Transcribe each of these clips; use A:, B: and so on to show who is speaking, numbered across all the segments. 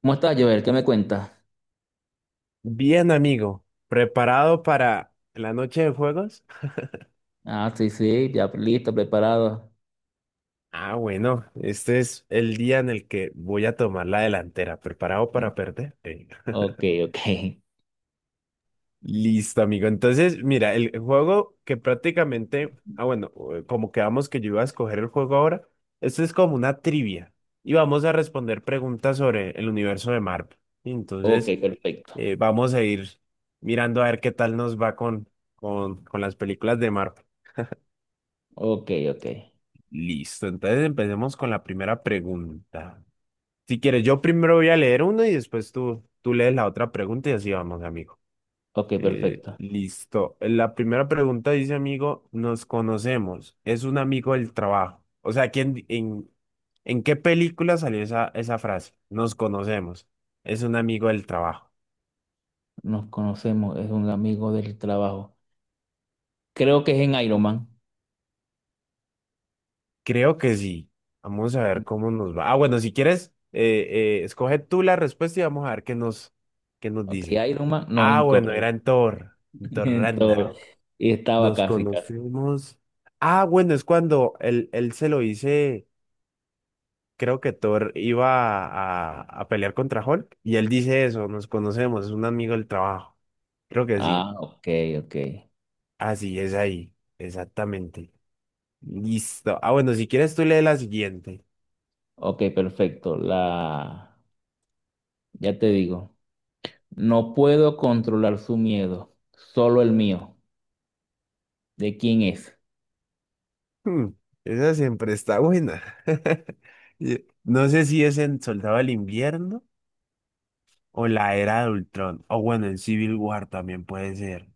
A: ¿Cómo estás, Joel? ¿Qué me cuentas?
B: Bien, amigo, ¿preparado para la noche de juegos?
A: Ah, sí, sí, ya listo, preparado.
B: Ah, bueno, este es el día en el que voy a tomar la delantera. ¿Preparado para perder?
A: Ok, ok.
B: Listo, amigo. Entonces, mira, el juego que prácticamente, ah, bueno, como quedamos que yo iba a escoger el juego ahora, esto es como una trivia y vamos a responder preguntas sobre el universo de Marvel. Y entonces,
A: Ok, perfecto.
B: Vamos a ir mirando a ver qué tal nos va con las películas de Marvel.
A: Ok, ok.
B: Listo, entonces empecemos con la primera pregunta. Si quieres, yo primero voy a leer una y después tú lees la otra pregunta y así vamos, amigo.
A: Ok,
B: Eh,
A: perfecto.
B: listo. La primera pregunta dice, amigo, nos conocemos. Es un amigo del trabajo. O sea, ¿quién, en qué película salió esa frase? Nos conocemos. Es un amigo del trabajo.
A: Nos conocemos, es un amigo del trabajo. Creo que es en Iron Man.
B: Creo que sí. Vamos a ver cómo nos va. Ah, bueno, si quieres, escoge tú la respuesta y vamos a ver qué nos
A: Ok,
B: dice.
A: Iron Man, no,
B: Ah, bueno, era
A: incorrecto.
B: en Thor
A: En Thor.
B: Ragnarok.
A: Y estaba
B: Nos
A: casi, casi.
B: conocimos. Ah, bueno, es cuando él se lo dice, creo que Thor iba a pelear contra Hulk y él dice eso, nos conocemos, es un amigo del trabajo. Creo que sí.
A: Ah, ok, ok.
B: Así es ahí, exactamente. Listo. Ah, bueno, si quieres tú lee la siguiente.
A: Ok, perfecto. Ya te digo. No puedo controlar su miedo, solo el mío. ¿De quién es?
B: Hmm, Esa siempre está buena. No sé si es en Soldado del Invierno o la Era de Ultrón. O bueno, en Civil War también puede ser.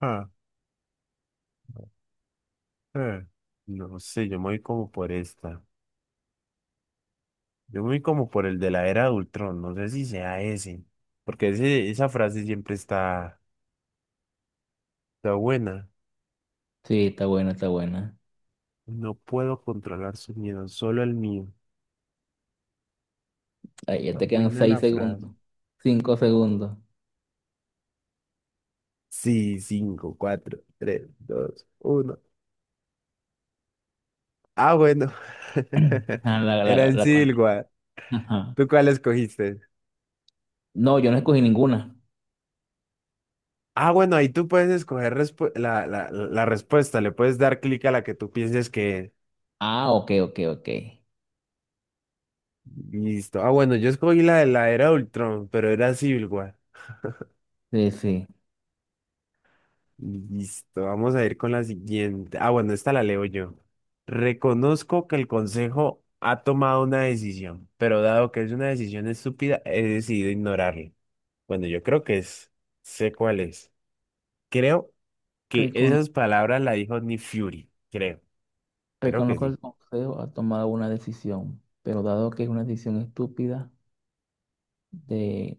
B: Ah, eh, No sé, yo me voy como por esta. Yo me voy como por el de la Era de Ultrón. No sé si sea ese. Porque ese, esa frase siempre está buena.
A: Sí, está buena, está buena.
B: No puedo controlar su miedo, solo el mío.
A: Ahí ya
B: Está
A: te quedan
B: buena
A: seis
B: la frase.
A: segundos, 5 segundos.
B: Sí, cinco, cuatro, tres, dos, uno. Ah, bueno.
A: Ah, La,
B: Era
A: la,
B: en
A: la conté.
B: Silgua.
A: Ajá.
B: ¿Tú cuál escogiste?
A: No, yo no escogí ninguna.
B: Ah, bueno, ahí tú puedes escoger la respuesta. Le puedes dar clic a la que tú pienses que.
A: Ah, ok, ok, ok.
B: Listo. Ah, bueno, yo escogí la de la Era Ultron, pero era Civil War.
A: Sí, sí.
B: Listo. Vamos a ir con la siguiente. Ah, bueno, esta la leo yo. Reconozco que el consejo ha tomado una decisión, pero dado que es una decisión estúpida, he decidido ignorarla. Bueno, yo creo que es. Sé cuál es. Creo que
A: Recono-
B: esas palabras la dijo Nick Fury, creo que
A: Reconozco
B: sí.
A: el consejo, ha tomado una decisión, pero dado que es una decisión estúpida, de,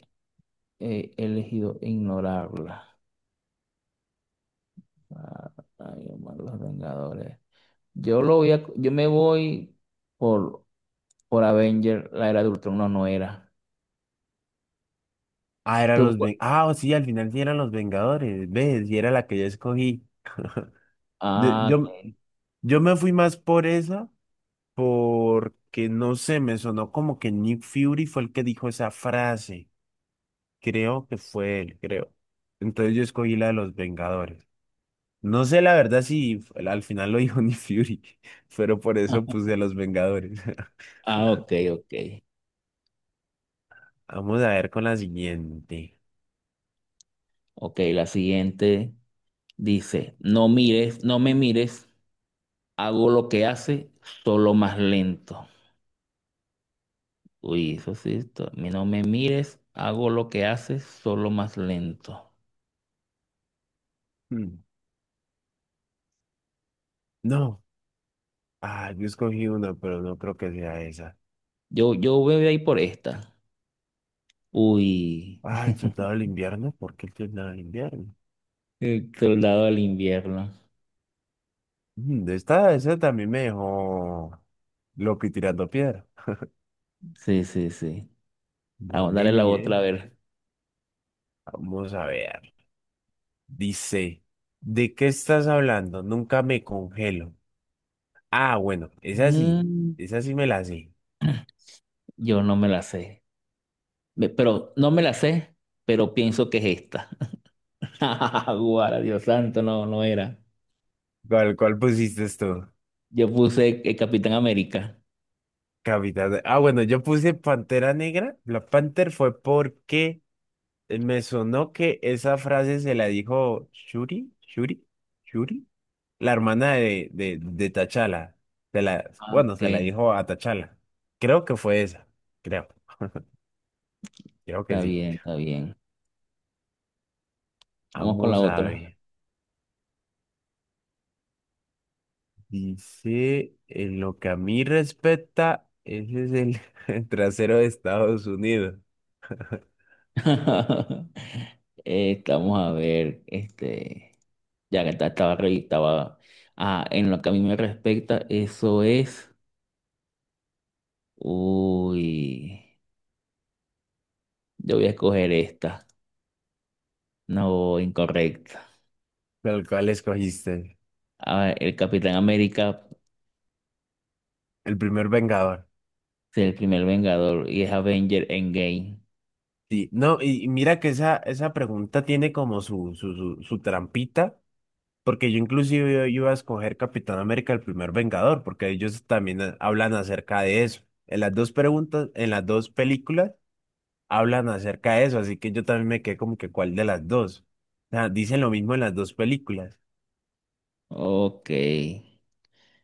A: he elegido ignorarla. Ah, ay, hermano, los Vengadores. Yo me voy por, por Avenger, la era de Ultron, no, no era.
B: Ah, eran
A: Tú-
B: los Ven- Ah, sí, al final sí eran los Vengadores, ¿ves? Y era la que yo escogí. De-
A: ah,
B: Yo, yo me fui más por esa, porque no sé, me sonó como que Nick Fury fue el que dijo esa frase. Creo que fue él, creo. Entonces yo escogí la de los Vengadores. No sé la verdad si al final lo dijo Nick Fury, pero por eso puse a los Vengadores.
A: ok, ok.
B: Vamos a ver con la siguiente.
A: Ok, la siguiente dice, no me mires, hago lo que hace, solo más lento. Uy, eso sí, mi no me mires, hago lo que hace, solo más lento.
B: Hmm. No, ah, yo escogí una, pero no creo que sea esa.
A: Yo voy a ir por esta. Uy,
B: Ah, el soldado del invierno, ¿por qué el soldado del invierno?
A: el soldado del invierno.
B: Esta, esa también me dejó loco y tirando piedra.
A: Sí, sí, sí.
B: No
A: Vamos,
B: me
A: dale la
B: mire,
A: otra a ver.
B: vamos a ver. Dice, ¿de qué estás hablando? Nunca me congelo. Ah, bueno,
A: Mm,
B: esa sí me la sé.
A: yo no me la sé. Pero no me la sé, pero pienso que es esta. Guara, Dios santo, no, no era.
B: ¿Cuál pusiste tú?
A: Yo puse el Capitán América.
B: Capitán. Ah, bueno, yo puse Pantera Negra. La Panther fue porque me sonó que esa frase se la dijo Shuri, la hermana de T'Challa.
A: Ah,
B: Bueno,
A: ok,
B: se la dijo a T'Challa. Creo que fue esa. Creo, creo que
A: está
B: sí.
A: bien, está bien. Vamos con la
B: Vamos a
A: otra.
B: ver. Dice, en lo que a mí respecta, ese es el, el trasero de Estados Unidos,
A: Vamos a ver, este, ya que en lo que a mí me respecta, eso es, uy, yo voy a escoger esta, no, incorrecta.
B: el cual escogiste.
A: A ver, el Capitán América
B: El primer Vengador.
A: es el primer Vengador y es Avenger Endgame.
B: Sí, no, y mira que esa pregunta tiene como su trampita. Porque yo inclusive yo iba a escoger Capitán América, el primer Vengador, porque ellos también hablan acerca de eso. En las dos preguntas, en las dos películas, hablan acerca de eso, así que yo también me quedé como que cuál de las dos. O sea, dicen lo mismo en las dos películas.
A: Ok,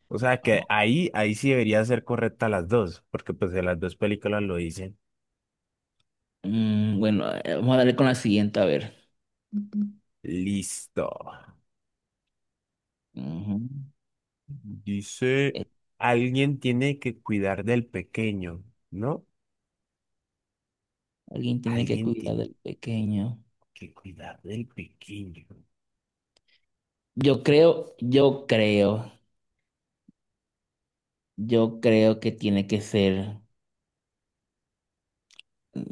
B: O sea que
A: vamos.
B: ahí sí debería ser correcta las dos, porque pues en las dos películas lo dicen.
A: Bueno, vamos a darle con la siguiente, a ver.
B: Listo.
A: Ujú.
B: Dice,
A: Eh,
B: alguien tiene que cuidar del pequeño, ¿no?
A: Alguien tiene que
B: Alguien
A: cuidar
B: tiene
A: del pequeño.
B: que cuidar del pequeño.
A: Yo creo, yo creo, yo creo que tiene que ser.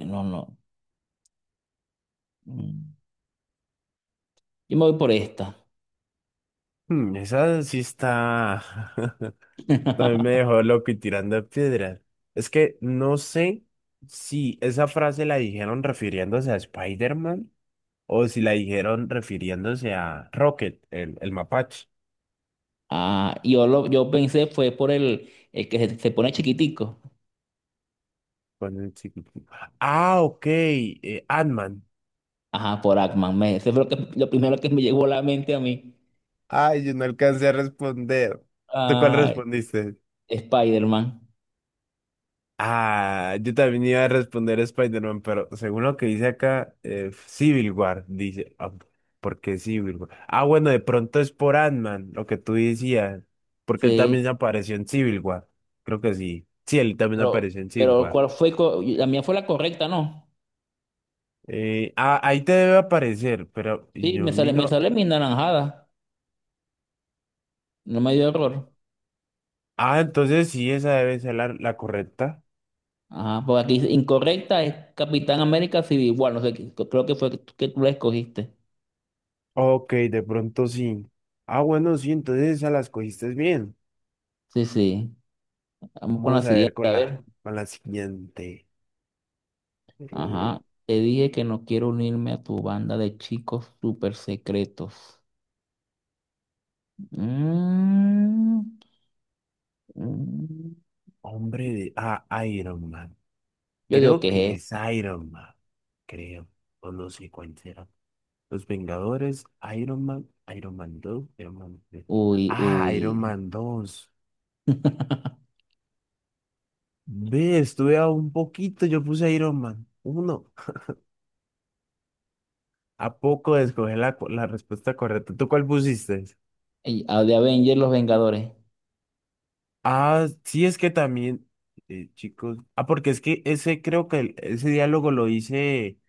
A: No, no. Mm. Yo me voy por esta.
B: Esa sí está. También me dejó loco y tirando piedras. Es que no sé si esa frase la dijeron refiriéndose a Spider-Man o si la dijeron refiriéndose a Rocket, el mapache.
A: Yo pensé fue por el que se pone chiquitico.
B: Con el chico. Ah, ok, Ant-Man.
A: Ajá, por Ackman. Eso fue lo primero que me llegó a la mente a mí.
B: Ay, yo no alcancé a responder. ¿Tú cuál
A: Ah,
B: respondiste?
A: Spider-Man.
B: Ah, yo también iba a responder Spider-Man, pero según lo que dice acá, Civil War, dice. Ah, ¿por qué Civil War? Ah, bueno, de pronto es por Ant-Man, lo que tú decías, porque él
A: Sí.
B: también apareció en Civil War. Creo que sí. Sí, él también
A: Pero,
B: apareció en Civil
A: pero
B: War.
A: ¿cuál fue? La mía fue la correcta, ¿no?
B: Ah, ahí te debe aparecer, pero
A: Sí,
B: yo
A: me sale, me
B: miro.
A: sale mi naranjada. No me dio error.
B: Ah, entonces sí, esa debe ser la correcta.
A: Ajá, por aquí incorrecta es Capitán América Civil War, no sé, creo que fue que tú la escogiste.
B: Ok, de pronto sí. Ah, bueno, sí, entonces esa las cogiste bien.
A: Sí, sí. Vamos con la
B: Vamos a ver
A: siguiente,
B: con
A: a
B: la,
A: ver.
B: con la siguiente. Eh,
A: Ajá. Te dije que no quiero unirme a tu banda de chicos súper secretos. Mm, mm.
B: Hombre de. Ah, Iron Man.
A: Yo digo
B: Creo
A: que
B: que
A: es,
B: es
A: ¿esto?
B: Iron Man. Creo. O no sé cuál será. Los Vengadores, Iron Man, Iron Man dos, Iron Man 3.
A: Uy,
B: Ah,
A: uy.
B: Iron Man dos. Ve, estuve a un poquito, yo puse Iron Man uno. ¿A poco escogí la respuesta correcta? ¿Tú cuál pusiste?
A: De Avengers, Los Vengadores.
B: Ah, sí, es que también, chicos. Ah, porque es que ese creo que ese diálogo lo hice,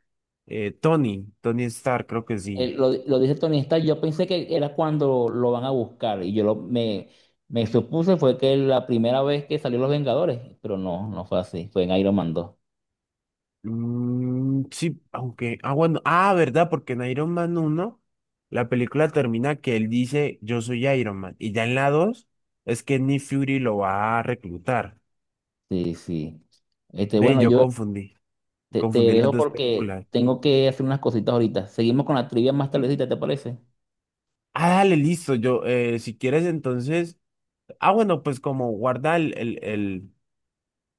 B: Tony Stark, creo que sí.
A: Él lo dice Tony Stark, yo pensé que era cuando lo van a buscar y me supuse fue que la primera vez que salió Los Vengadores, pero no, no fue así, fue en Iron Man 2.
B: Mm, sí, aunque, ah, bueno, ah, ¿verdad? Porque en Iron Man uno, la película termina que él dice, yo soy Iron Man, y ya en la 2 es que Nick Fury lo va a reclutar.
A: Sí, sí. Este,
B: Ve,
A: bueno,
B: yo
A: yo
B: confundí,
A: te
B: confundí las
A: dejo
B: dos
A: porque
B: películas.
A: tengo que hacer unas cositas ahorita. Seguimos con la trivia más tardecita, ¿te parece?
B: Ah, dale, listo, yo, si quieres entonces, ah, bueno, pues como guarda el, el, el,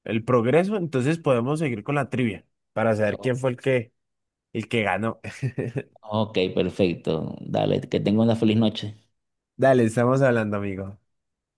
B: el progreso, entonces podemos seguir con la trivia para saber
A: O-
B: quién fue el que, ganó.
A: Ok, perfecto. Dale, que tenga una feliz noche.
B: Dale, estamos hablando, amigo.